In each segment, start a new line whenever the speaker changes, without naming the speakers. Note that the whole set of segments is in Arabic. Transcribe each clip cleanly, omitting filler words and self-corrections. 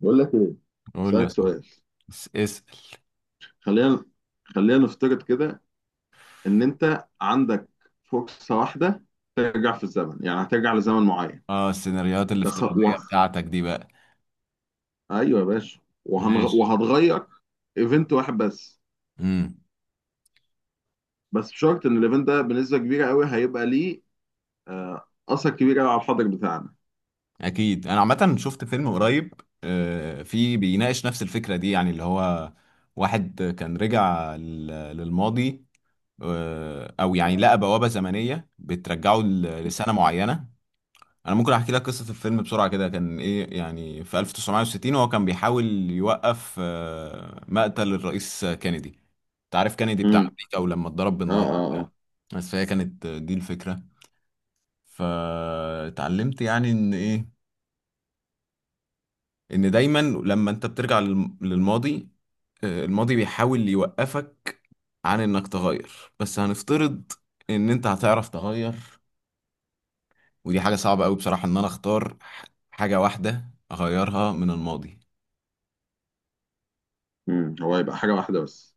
بقول لك ايه؟
قول لي يا
اسالك
صاحبي.
سؤال.
اسأل.
خلينا خلينا نفترض كده ان انت عندك فرصه واحده ترجع في الزمن، يعني هترجع لزمن معين.
اه، السيناريوهات
بس ه- و...
الافتراضية بتاعتك دي بقى.
ايوه يا باشا،
ماشي.
وهتغير ايفنت واحد بس.
امم.
بس بشرط ان الايفنت ده بنسبه كبيره قوي هيبقى ليه اثر كبير قوي على الحاضر بتاعنا.
اكيد انا عامة شفت فيلم قريب، آه، في بيناقش نفس الفكرة دي، يعني اللي هو واحد كان رجع للماضي، آه، او يعني لقى بوابة زمنية بترجعه لسنة معينة. انا ممكن احكي لك قصة الفيلم بسرعة كده، كان ايه يعني في 1960 وهو كان بيحاول يوقف آه مقتل الرئيس كينيدي. انت عارف كندي بتاع
امم.
امريكا ولما اتضرب
اه
بالنار
اه
وبتاع.
اه.
بس فهي كانت دي الفكره. فاتعلمت يعني ان ايه، ان دايما لما انت بترجع للماضي، آه، الماضي بيحاول يوقفك عن انك تغير. بس هنفترض ان انت هتعرف تغير. ودي حاجه صعبه قوي بصراحه، ان انا اختار حاجه واحده اغيرها من الماضي.
هو هيبقى حاجه واحده بس،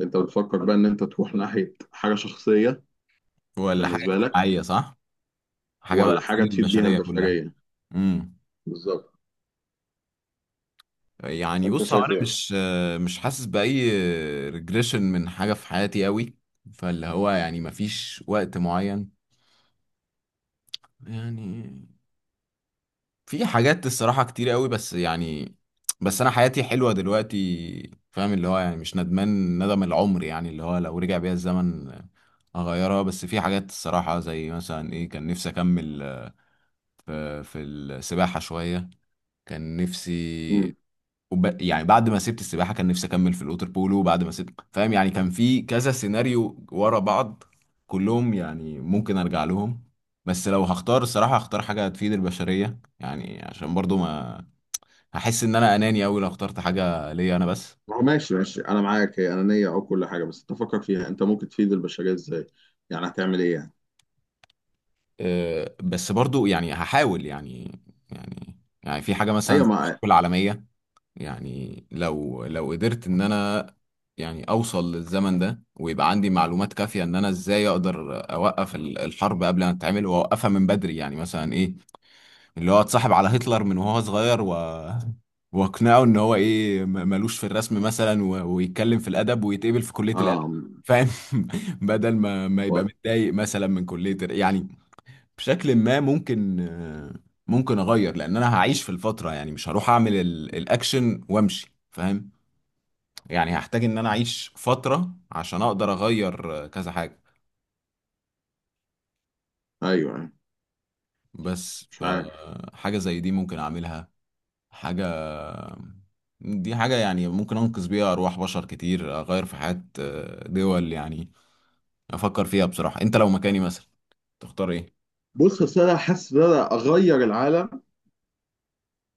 انت بتفكر بقى ان انت تروح ناحيه حاجه شخصيه
ولا حاجه
بالنسبه لك،
اجتماعيه، صح، حاجه بقى
ولا
تفيد
حاجه تفيد بيها
البشريه كلها.
البشريه؟
امم.
بالظبط،
يعني
انت
بص، هو انا
شايف ايه؟
مش حاسس باي ريجريشن من حاجه في حياتي قوي، فاللي هو يعني مفيش وقت معين، يعني في حاجات الصراحه كتير قوي، بس يعني بس انا حياتي حلوه دلوقتي، فاهم اللي هو يعني مش ندمان ندم العمر، يعني اللي هو لو رجع بيا الزمن اغيرها. بس في حاجات الصراحه، زي مثلا ايه، كان نفسي اكمل في السباحه شويه، كان نفسي،
امم
يعني بعد ما سبت السباحه كان نفسي اكمل في الاوتر بولو، وبعد ما سبت، فاهم يعني كان في كذا سيناريو ورا بعض، كلهم يعني ممكن ارجع لهم. بس لو هختار، الصراحه هختار حاجه تفيد البشريه، يعني عشان برضو ما هحس ان انا اناني اوي لو اخترت حاجه ليا انا بس.
هو ماشي ماشي، انا معاك، هي انانيه او كل حاجه، بس تفكر فيها انت ممكن تفيد البشريه ازاي؟ يعني هتعمل ايه يعني؟
أه، بس برضو يعني هحاول، يعني، يعني في حاجه مثلا
ايوه
زي الحرب
ما.
العالميه، يعني لو لو قدرت ان انا يعني اوصل للزمن ده ويبقى عندي معلومات كافية ان انا ازاي اقدر اوقف الحرب قبل ما تتعمل واوقفها من بدري، يعني مثلا ايه اللي هو اتصاحب على هتلر من وهو صغير و واقنعه ان هو ايه، ملوش في الرسم مثلا، ويتكلم في الادب ويتقبل في كلية الادب،
اه أمم.
فاهم. بدل ما يبقى
طيب.
متضايق مثلا من كلية يعني. بشكل ما ممكن آه، ممكن اغير لان انا هعيش في الفتره، يعني مش هروح اعمل الاكشن وامشي، فاهم. يعني هحتاج ان انا اعيش فتره عشان اقدر اغير آه، كذا حاجه.
ايوه أيوة.
بس
مش عارف.
فحاجه زي دي ممكن اعملها. حاجه، دي حاجه يعني ممكن انقذ بيها ارواح بشر كتير، اغير في حياه آه، دول يعني. افكر فيها بصراحه، انت لو مكاني مثلا تختار ايه؟
بص، اصل انا حاسس ان انا اغير العالم،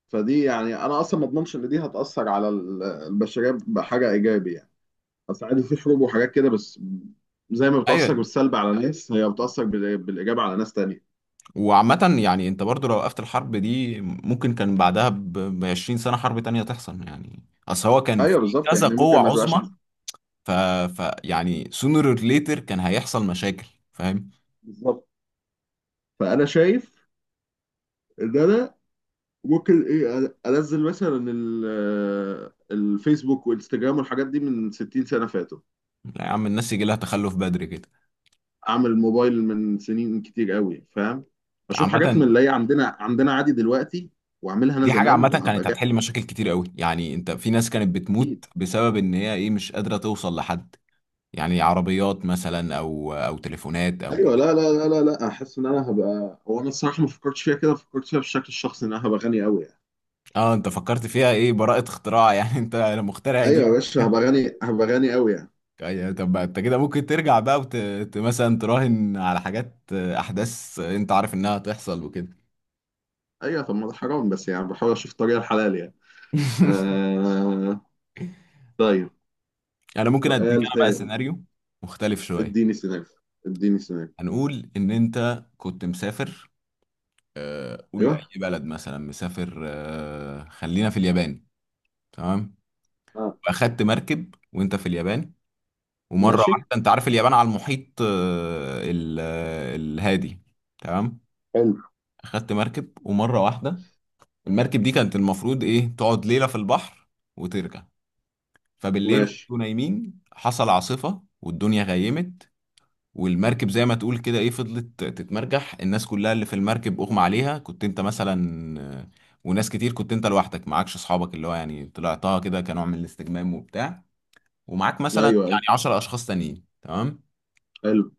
فدي يعني انا اصلا ما اضمنش ان دي هتاثر على البشريه بحاجه ايجابي يعني. اصل عادي في حروب وحاجات كده، بس زي ما بتاثر
ايوه.
بالسلب على ناس، هي بتاثر بالايجاب على ناس تانية.
وعامة يعني انت برضو لو وقفت الحرب دي ممكن كان بعدها ب 20 سنة حرب تانية تحصل، يعني اصل هو كان في
ايوه بالظبط،
كذا
يعني ممكن
قوة
ما تبقاش
عظمى، ف... ف يعني sooner or later كان هيحصل مشاكل، فاهم.
بالظبط. فانا شايف ان انا ممكن ايه، انزل مثلا الفيسبوك وانستجرام والحاجات دي من 60 سنه فاتوا،
لا يا عم، الناس يجي لها تخلف بدري كده.
اعمل موبايل من سنين كتير قوي، فاهم؟ اشوف حاجات من
عامة
اللي هي عندنا عادي دلوقتي، واعملها انا
دي حاجة
زمان
عامة
وهبقى
كانت
جاهز.
هتحل مشاكل كتير قوي، يعني انت في ناس كانت
اكيد.
بتموت بسبب ان هي ايه مش قادرة توصل لحد، يعني عربيات مثلا او او تليفونات او كده.
ايوه لا لا لا لا لا، احس ان انا هبقى، هو انا الصراحه ما فكرتش فيها كده، فكرت فيها بالشكل الشخصي ان انا هبقى غني قوي يعني.
اه، انت فكرت فيها ايه، براءة اختراع يعني؟ انت المخترع
ايوه
دي.
يا باشا، هبقى غني، هبقى غني قوي يعني.
طب ما انت كده ممكن ترجع بقى مثلا تراهن على حاجات آه، احداث انت عارف انها هتحصل وكده.
ايوه طب ما ده حرام، بس يعني بحاول اشوف الطريقه الحلال يعني. آه... طيب.
انا ممكن اديك
سؤال
انا بقى
تاني.
سيناريو مختلف شويه.
اديني سيناريو. اديني سيناريو.
هنقول ان انت كنت مسافر آه، قول اي
ايوه.
بلد مثلا، مسافر آه، خلينا في اليابان. تمام.
اه.
واخدت مركب وانت في اليابان، ومره
ماشي.
واحده، انت عارف اليابان على المحيط آه، آه، الهادي. تمام.
حلو.
اخدت مركب ومره واحده المركب دي كانت المفروض ايه تقعد ليلة في البحر وترجع. فبالليل
ماشي.
وانتوا نايمين حصل عاصفة والدنيا غيمت، والمركب زي ما تقول كده ايه فضلت تتمرجح، الناس كلها اللي في المركب اغمى عليها، كنت انت مثلا آه، وناس كتير، كنت انت لوحدك، معكش اصحابك، اللي هو يعني طلعتها كده كنوع من الاستجمام وبتاع، ومعاك
ايوه
مثلا
ايوه.
يعني 10 اشخاص تانيين. تمام.
حلو.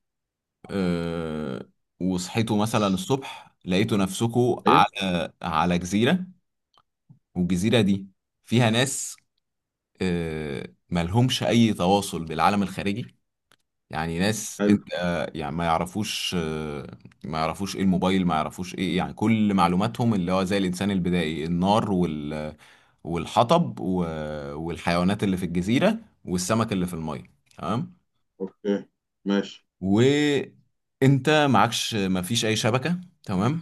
أه، وصحيتوا مثلا الصبح لقيتوا نفسكوا
ايوه.
على على جزيرة، والجزيرة دي فيها ناس آه، ملهمش اي تواصل بالعالم الخارجي. يعني ناس
حلو.
انت آه، يعني ما يعرفوش آه، ما يعرفوش ايه الموبايل، ما يعرفوش ايه، يعني كل معلوماتهم اللي هو زي الانسان البدائي، النار وال والحطب والحيوانات اللي في الجزيرة والسمك اللي في المية. تمام.
اوكي. ماشي.
وانت معكش، مفيش اي شبكة، تمام،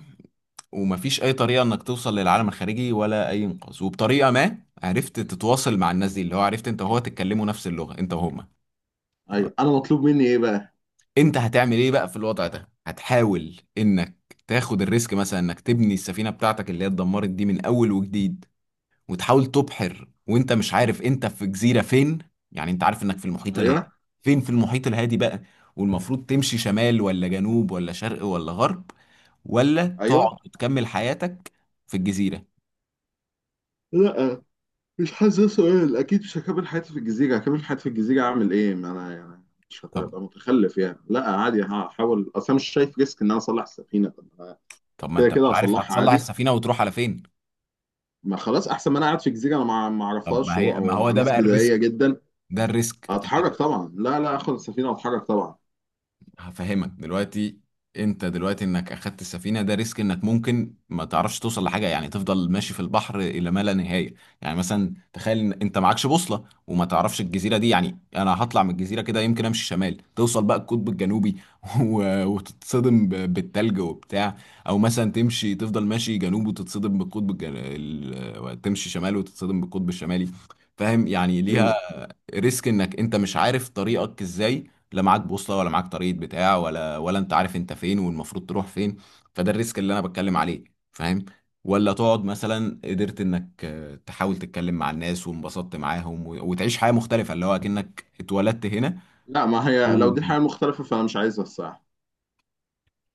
ومفيش اي طريقة انك توصل للعالم الخارجي ولا اي انقاذ. وبطريقة ما عرفت تتواصل مع الناس دي، اللي هو عرفت انت وهو تتكلموا نفس اللغة انت وهم. تمام.
ايوه، انا مطلوب مني ايه بقى؟
انت هتعمل ايه بقى في الوضع ده؟ هتحاول انك تاخد الريسك مثلا انك تبني السفينة بتاعتك اللي هي اتدمرت دي من اول وجديد، وتحاول تبحر وانت مش عارف انت في جزيرة فين، يعني انت عارف انك في المحيط الهادي،
ايوه
فين في المحيط الهادي بقى، والمفروض تمشي شمال ولا جنوب ولا شرق ولا غرب، ولا
ايوه.
تقعد وتكمل حياتك في الجزيرة.
لا، مش حاسس ده سؤال، اكيد مش هكمل حياتي في الجزيره، هكمل حياتي في الجزيره اعمل ايه؟ ما انا يعني مش
طب
هبقى متخلف يعني، لا عادي هحاول، اصل انا مش شايف ريسك ان انا اصلح السفينه. طب ما
طب ما
كده
انت
كده
مش عارف
هصلحها
هتصلح
عادي،
السفينة وتروح على فين.
ما خلاص احسن ما انا قاعد في جزيره انا ما
طب ما
اعرفهاش
هي، ما هو
ومع
ده
ناس
بقى الريسك،
بدائيه جدا.
ده الريسك.
هتحرك طبعا، لا لا، اخد السفينه واتحرك طبعا.
هفهمك دلوقتي، انت دلوقتي انك اخدت السفينه ده ريسك، انك ممكن ما تعرفش توصل لحاجه، يعني تفضل ماشي في البحر الى ما لا نهايه. يعني مثلا تخيل ان انت معكش بوصله وما تعرفش الجزيره دي، يعني انا هطلع من الجزيره كده يمكن امشي شمال توصل بقى القطب الجنوبي، وتتصدم بالتلج وبتاع، او مثلا تمشي تفضل ماشي جنوب وتتصدم تمشي شمال وتتصدم بالقطب الشمالي، فاهم يعني ليها
مم.
ريسك. انك انت مش عارف طريقك ازاي، لا معاك بوصله ولا معاك طريقه بتاع ولا انت عارف انت فين والمفروض تروح فين. فده الريسك اللي انا بتكلم عليه، فاهم. ولا تقعد مثلا قدرت انك آه، تحاول تتكلم مع الناس وانبسطت معاهم وتعيش حياه مختلفه، اللي هو اكنك اتولدت هنا
لا، ما هي
اول
لو دي
وجديد.
حاجة مختلفة فأنا مش عايزها الصراحة.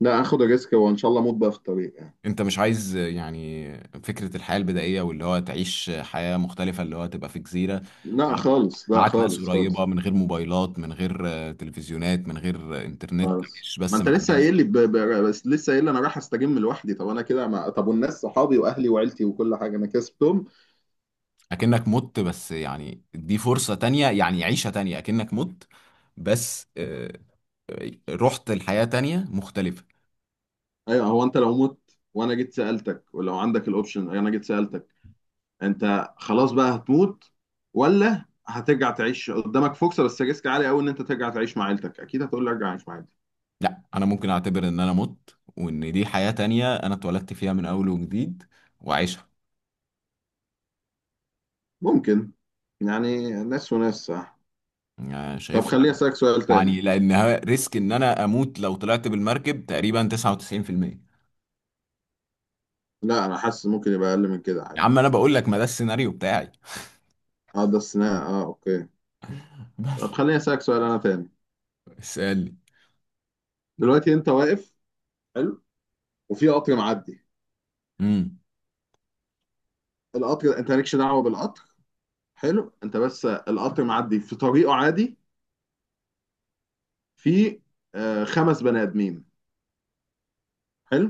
لا آخد ريسك وإن شاء الله أموت بقى في الطريق يعني.
انت مش عايز آه، يعني فكره الحياه البدائيه، واللي هو تعيش حياه مختلفه، اللي هو تبقى في جزيره،
لا
معاك
خالص لا
معاك ناس
خالص خالص
قريبه، من غير موبايلات، من غير آه، تلفزيونات، من غير آه، انترنت،
خالص،
تعيش
ما
بس
أنت
مع
لسه
الناس.
قايل لي بس لسه قايل لي أنا رايح أستجم لوحدي، طب أنا كده ما... طب والناس صحابي وأهلي وعيلتي وكل حاجة أنا كسبتهم.
اكنك مت، بس يعني دي فرصة تانية يعني عيشة تانية، اكنك مت بس آه، آه، رحت لحياة تانية مختلفة.
أيوه، هو أنت لو مت وأنا جيت سألتك، ولو عندك الأوبشن أنا جيت سألتك أنت خلاص بقى هتموت ولا هترجع تعيش، قدامك فرصة بس ريسك عالي قوي، إن أنت ترجع تعيش مع عيلتك، أكيد هتقول لي أرجع أعيش مع عيلتي.
لا، انا ممكن اعتبر ان انا مت وان دي حياة تانية انا اتولدت فيها من اول وجديد وعيشها.
ممكن. يعني ناس وناس صح.
يعني
طب خليني
شايفها
اسالك سؤال تاني.
يعني لانها ريسك ان انا اموت لو طلعت بالمركب تقريبا 99%.
لا، انا حاسس ممكن يبقى اقل من كده
يا
عادي.
عم انا بقول لك ما ده السيناريو بتاعي.
اه ده استثناء، اه اوكي. طب
بس.
خليني اسالك سؤال انا تاني.
اسألني.
دلوقتي انت واقف. حلو. وفي قطر معدي. القطر، انت مالكش دعوه بالقطر، حلو؟ انت بس، القطر معدي في طريقه عادي. في خمس بني ادمين. حلو.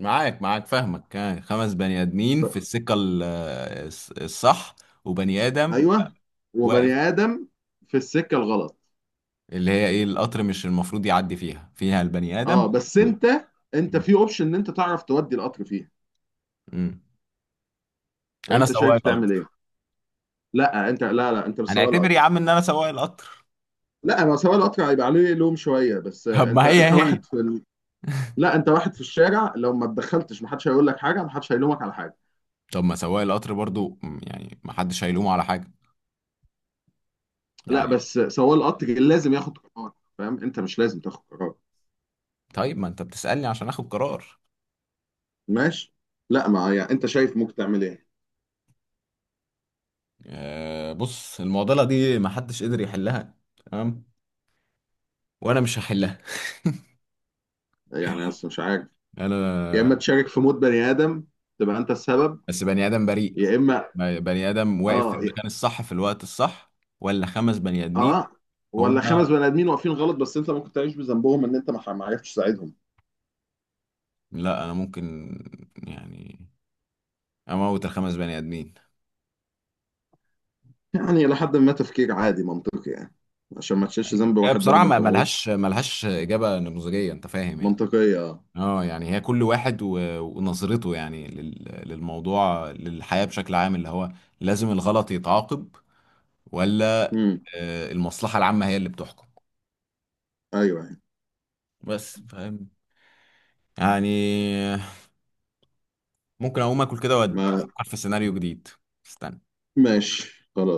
معاك، فاهمك، آه، خمس بني ادمين في السكة آه، الصح، وبني ادم
ايوه، وبني
واقف،
ادم في السكه الغلط.
اللي هي ايه القطر مش المفروض يعدي فيها، فيها البني ادم
اه بس
و...
انت، انت
مم.
في اوبشن ان انت تعرف تودي القطر فيها.
مم. انا
فانت
سواق
شايف تعمل
القطر.
ايه؟ لا انت، لا لا انت مش سواق
هنعتبر يا
القطر.
عم ان انا سواق القطر.
لا، ما سواق القطر هيبقى عليه لوم شويه، بس
طب ما
انت
هي،
انت
هي
واحد في لا، انت واحد في الشارع، لو ما اتدخلتش محدش هيقول لك حاجه، محدش هيلومك على حاجه.
طب ما سواق القطر برضو، مم، يعني ما حدش هيلومه على حاجة
لا
يعني.
بس سواق القطر لازم ياخد قرار، فاهم؟ انت مش لازم تاخد قرار.
طيب ما انت بتسألني عشان اخد قرار.
ماشي. لا، ما يعني انت شايف ممكن تعمل ايه؟
آه، بص، المعضلة دي ما حدش قدر يحلها، تمام، وانا مش هحلها.
يعني اصلا مش عارف، يا
انا
اما تشارك في موت بني ادم، تبقى انت السبب،
بس بني آدم بريء،
يا اما
بني آدم واقف في
اه
المكان الصح في الوقت الصح، ولا خمس بني آدمين.
اه، ولا
هم
خمس بني ادمين واقفين غلط، بس انت ممكن تعيش بذنبهم ان انت ما عرفتش تساعدهم.
لا، أنا ممكن يعني أموت الخمس بني آدمين.
يعني لحد ما، تفكير عادي منطقي يعني، عشان ما تشيلش
أيوة.
ذنب
هي
واحد
بصراحة
برضه
ما
انت موته.
ملهاش إجابة نموذجية، أنت فاهم يعني.
منطقية اه.
اه، يعني هي كل واحد ونظرته يعني للموضوع، للحياة بشكل عام، اللي هو لازم الغلط يتعاقب، ولا
امم.
آه، المصلحة العامة هي اللي بتحكم.
ايوه أيوة.
بس فاهم يعني، ممكن اقوم اكل كده وافكر
ما.
في سيناريو جديد. استنى.
ماشي خلاص.